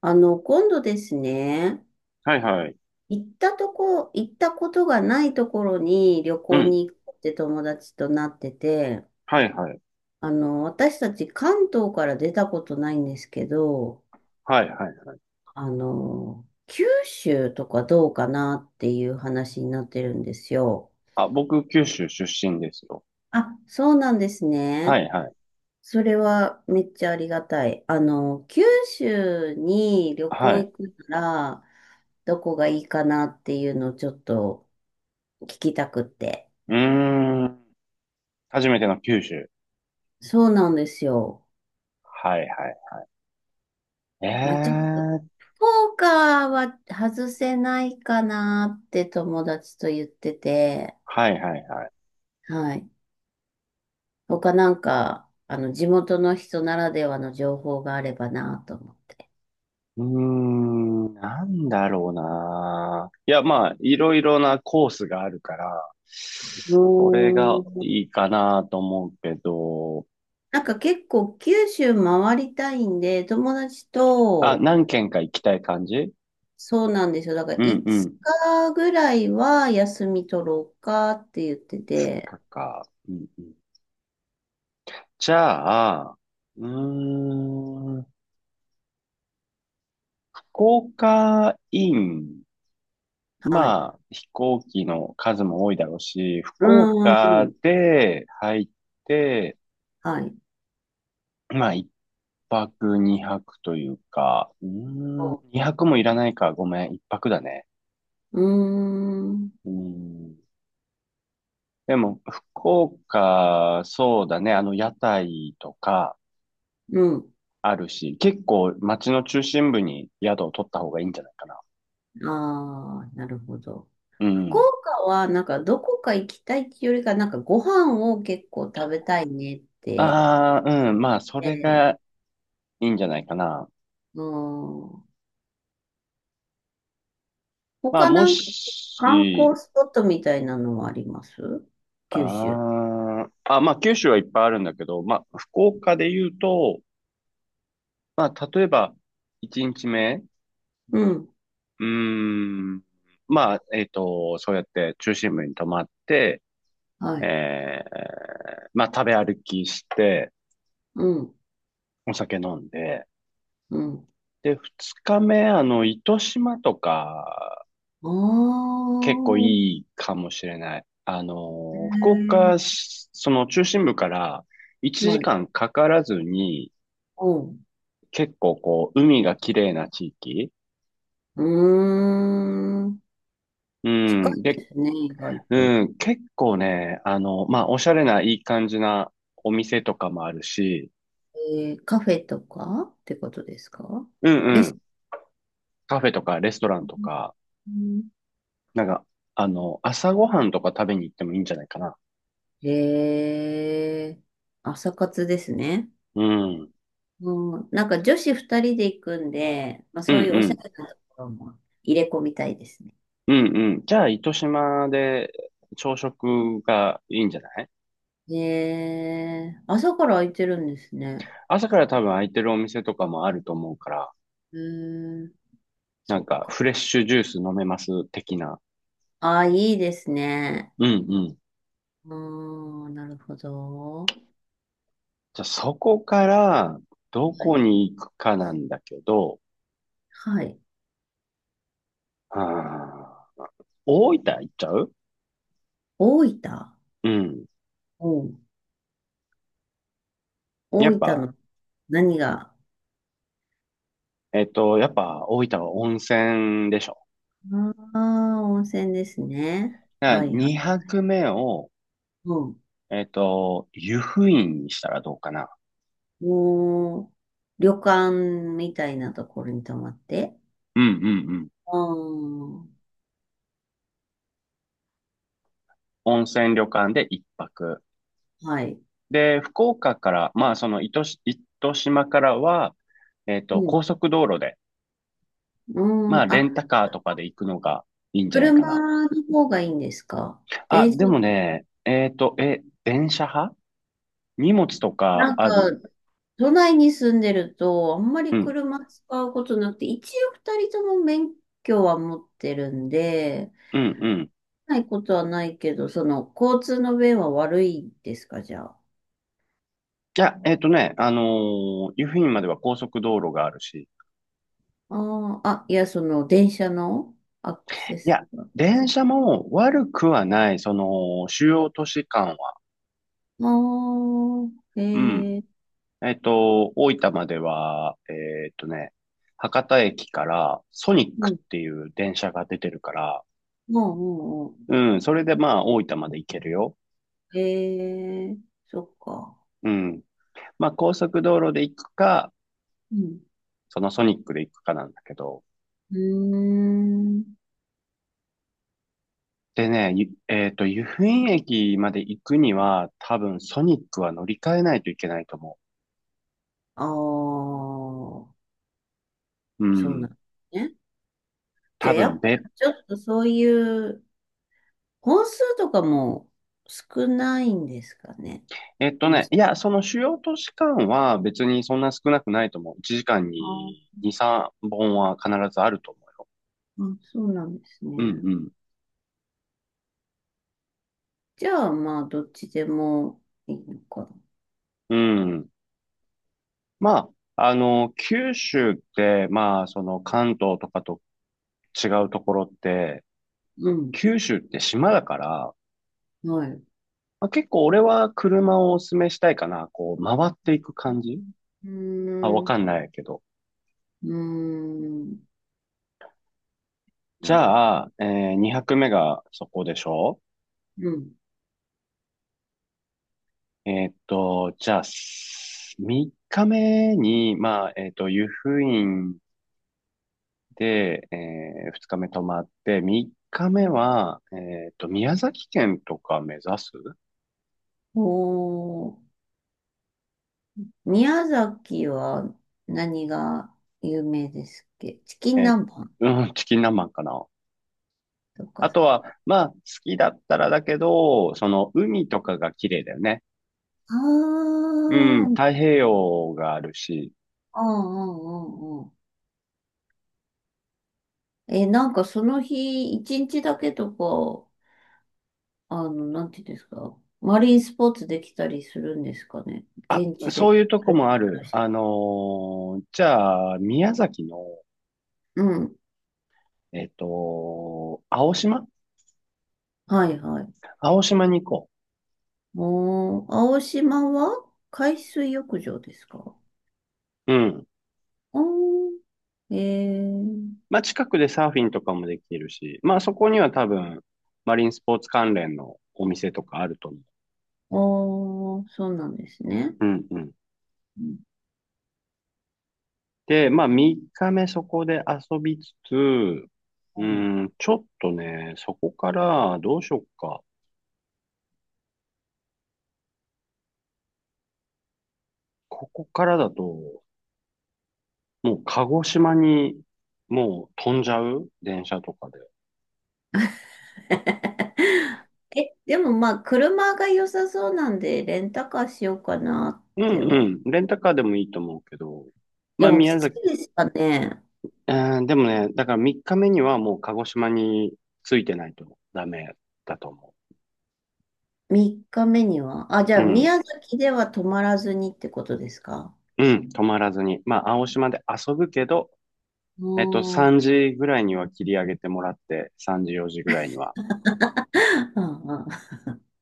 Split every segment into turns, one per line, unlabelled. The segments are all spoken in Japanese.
今度ですね、
はいはい。
行ったことがないところに旅
う
行
ん。
に行こうって友達となってて、
はいはい。
私たち関東から出たことないんですけど、
はいはい。
九州とかどうかなっていう話になってるんですよ。
あ、僕、九州出身ですよ。
あ、そうなんです
は
ね。
いはい。
それはめっちゃありがたい。あの、九州に旅
は
行行
い。
くなら、どこがいいかなっていうのをちょっと聞きたくって。
うーん。初めての九州。
そうなんですよ。
はいはい。
まあ、ちょっと、ポーカーは外せないかなって友達と言ってて、
はいはいはい。
はい。他なんか、地元の人ならではの情報があればなと思って。
うーん。なんだろうな。いや、まあ、いろいろなコースがあるから、
う
それが
ー
い
ん。
いかなと思うけど、
なんか結構九州回りたいんで、友達
あ、
と、
何軒か行きたい感じ？
そうなんですよ。だから
うんう
5
ん。
日ぐらいは休み取ろうかって言ってて。
うんうん。じゃあ、うーん福岡イン、
はい。
まあ、飛行機の数も多いだろうし、福
うー
岡
ん。
で入って、
はい。
まあ、一泊二泊というか、
そ
二泊もいらないか、ごめん、一泊だね。
ううーん。
うーん。でも、福岡、そうだね、屋台とか
うん。
あるし、結構街の中心部に宿を取った方がいいんじゃないかな。
ああ、なるほど。
う
福
ん。
岡はなんかどこか行きたいっていうよりか、なんかご飯を結構食べたいねって
ああ、う
言っ
ん、まあ、それ
て、
がいいんじゃないかな。
うん。
まあ、
他
も
なんか
し、
観光スポットみたいなのはあります九州。
あまあ、九州はいっぱいあるんだけど、まあ、福岡で言うと、まあ、例えば、1日目、
うん。
うーん、まあ、そうやって中心部に泊まって、
はい。
まあ、食べ歩きして、
うん。
お酒飲んで、
うん。
で、2日目、糸島とか、
あ
結構
あ、
いいかもしれない。
え
福
ー
岡、その中心部から1
はい。
時間かからずに、
おう。
結構海が綺麗な地域。
うーん。
う
近
ん。
い
で、
ですね、意外と。
うん、結構ね、まあ、おしゃれないい感じなお店とかもあるし、
えー、カフェとかってことですか？
うんう
レス
ん。
ト
カフェとかレストラン
ラ
とか、
ン。
なんか、朝ごはんとか食べに行ってもいいんじゃないかな。
えー、朝活ですね。
うん。うん
うん、なんか女子二人で行くんで、まあ、
う
そういうおしゃ
ん。
れなところも入れ込みたいですね。
うんうん。じゃあ、糸島で朝食がいいんじゃない？
えー、朝から空いてるんですね。
朝から多分空いてるお店とかもあると思うから、
うーん、
な
そ
ん
っ
か
か。
フレッシュジュース飲めます的な。
ああ、いいですね。
うん。
ああ、なるほど。
じゃあそこからど
は
こ
い。
に行くかなんだけど、
はい。
あー大分行っちゃう？
大分。
うん。
うん、大
やっ
分
ぱ、
の何が、
やっぱ大分は温泉でしょ。
ああ温泉ですね。
だから
はいはい。
2泊目を、
うん。
湯布院にしたらどうかな。
もう、旅館みたいなところに泊まって。
うんうんうん。
ああ、
温泉旅館で1泊。
はい。
で、福岡から、まあその糸島からは、
うん。
高速道路で、
う
まあ
ん。
レン
あ、
タカーとかで行くのがいいんじゃないかな。
車の方がいいんですか？
あ、
電車、
でもね、電車派？荷物とか
なんか、
ある？
都内に住んでると、あんま
う
り
ん、
車使うことなくて、一応二人とも免許は持ってるんで、
うん、うん。
ないことはないけど、その、交通の便は悪いですか、じゃあ。
いや、湯布院までは高速道路があるし。
ああ、あ、いや、その、電車のアクセ
い
ス
や、
が。あ
電車も悪くはない、その、主要都市間は。うん。
あ、ええ、
大分までは、博多駅からソニッ
も
クっ
う、
ていう電車が出てるから、
もう、も
うん、それでまあ大分まで行けるよ。
う、ええ、そっか。
うん。まあ高速道路で行くか、
うん。
そのソニックで行くかなんだけど、
うーん。
でね、ゆえっと、湯布院駅まで行くには、多分ソニックは乗り換えないといけないと思
ああ、
う。う
そうな
ん。
んですね。じゃ
多
あ、や
分
っぱ、
べ、
ちょっとそういう、本数とかも少ないんですかね。
えっと
う
ね、いや、その主要都市間は別にそんな少なくないと思う。1時間
ん、あ
に2、3本は必ずあると思うよ。
あ、そうなんです
う
ね。
ん
じゃあ、まあ、どっちでもいいのか
うん。うん。まあ、九州って、まあ、その関東とかと違うところって、
な。うん。
九州って島だから、
はい。う
まあ、結構俺は車をお勧めしたいかな。こう、回っていく感じ？
ー
あ、わ
ん。う
かんないけど。
ーん。
じ
なるほど。
ゃあ、2泊目がそこでしょ？
うん。
じゃあ、3日目に、まあ、湯布院で、2日目泊まって、3日目は、宮崎県とか目指す？
おー。宮崎は何が有名ですっけ？チキン
え
南蛮
うん、チキン南蛮かな。
とか。あ
あとは、まあ、好きだったらだけど、その、海とかが綺麗だよね。
あ、う
う
ん
ん、
うん
太平洋があるし、
うんうん。え、なんかその日、一日だけとか、あの、なんていうんですか。マリンスポーツできたりするんですかね。
あ、
現地で。
そういうとこもある。じゃあ、宮崎の、
うん。
青島？
はいはい。
青島に行こ
もう、青島は海水浴場ですか？
う。うん。
あー、えー、
まあ、近くでサーフィンとかもできるし、まあ、そこには多分、マリンスポーツ関連のお店とかあると思
あー、そうなんですね。
う。うんうん。
うん
で、まあ、3日目そこで遊びつつ、
う
ー
ん。
ちょっとね、そこから、どうしよっか。ここからだと、もう鹿児島に、もう飛んじゃう？電車とかで。
え、でもまあ、車が良さそうなんで、レンタカーしようかな
う
って
んう
は。
ん。レンタカーでもいいと思うけど。ま
で
あ、
もき
宮
つ
崎、
いですかね。
うん、でもね、だから3日目にはもう鹿児島に着いてないとダメだと思
3日目には、あ、じゃ
う。う
あ
ん。
宮崎では泊まらずにってことですか？
うん。泊まらずに。まあ、青島で遊ぶけど、
おう、
3時ぐらいには切り上げてもらって、3時、4時ぐらいには。
うんうん。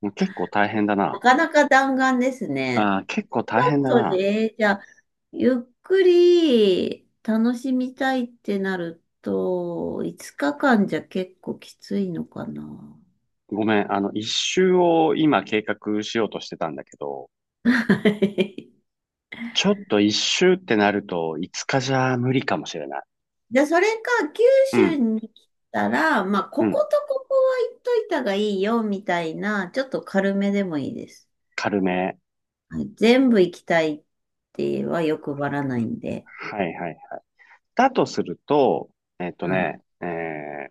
もう結構大変だ
な
な。
かなか弾丸ですね。
結構
ち
大変だ
ょっと
な。
で、じゃあ、ゆっくり楽しみたいってなると、5日間じゃ結構きついのかな。
ごめん。一周を今計画しようとしてたんだけど、
はい、
ちょっと一周ってなると5日じゃ無理かもしれない。
じゃあ、それか、九
う
州
ん。
に来たら、まあ、
う
こ
ん。
ことここは行っといたがいいよ、みたいな、ちょっと軽めでもいいです。
軽め。
はい、全部行きたいっては欲張らないんで、
はいはい。だとすると、えっと
はい。
ね、えー、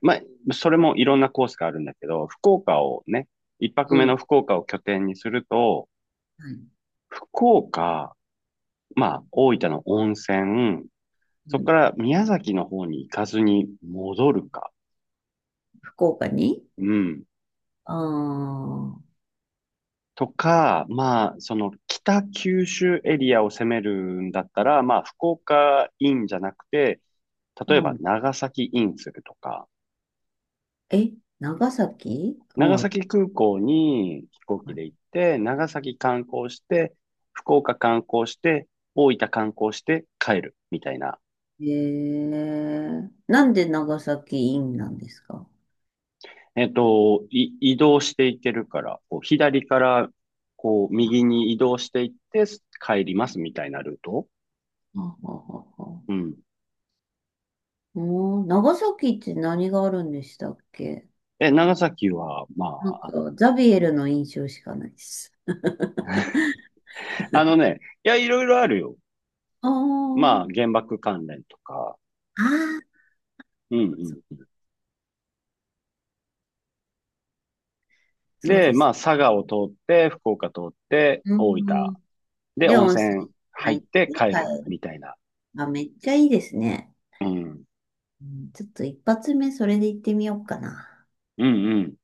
まあ、それもいろんなコースがあるんだけど、福岡をね、一泊
う
目の
ん。
福岡を拠点にすると、
はい。
福岡、まあ、大分の温泉、
う
そこ
ん、
から宮崎の方に行かずに戻るか、
福岡に、
うん。
ああー、
とか、まあ、その北九州エリアを攻めるんだったら、まあ、福岡インじゃなくて、例え
う
ば
ん。
長崎インするとか、
え、長崎
長
はい。
崎空港に飛行機で行
は
って、長崎観光して、福岡観光して、大分観光して帰るみたいな。
い。えー、なんで長崎インなんですか？
移動していけるから、こう左からこう右に移動していって帰りますみたいなルート。
あははは。
うん。
うん、長崎って何があるんでしたっけ？
長崎は、ま
なん
あ、
か、ザビエルの印象しかないです。
いや、いろいろあるよ。
あー、
まあ、原爆関連とか。
あー、
うん
そ
うん。
そう
で、
で
ま
す。
あ、佐賀を通って、福岡通って、
う
大分
ん。
で、
で、
温
温
泉
泉
入
入
っ
って
て帰る
帰
み
る。
たいな。
あ、めっちゃいいですね。
うん。
うん、ちょっと一発目それで行ってみようかな。
うんうん。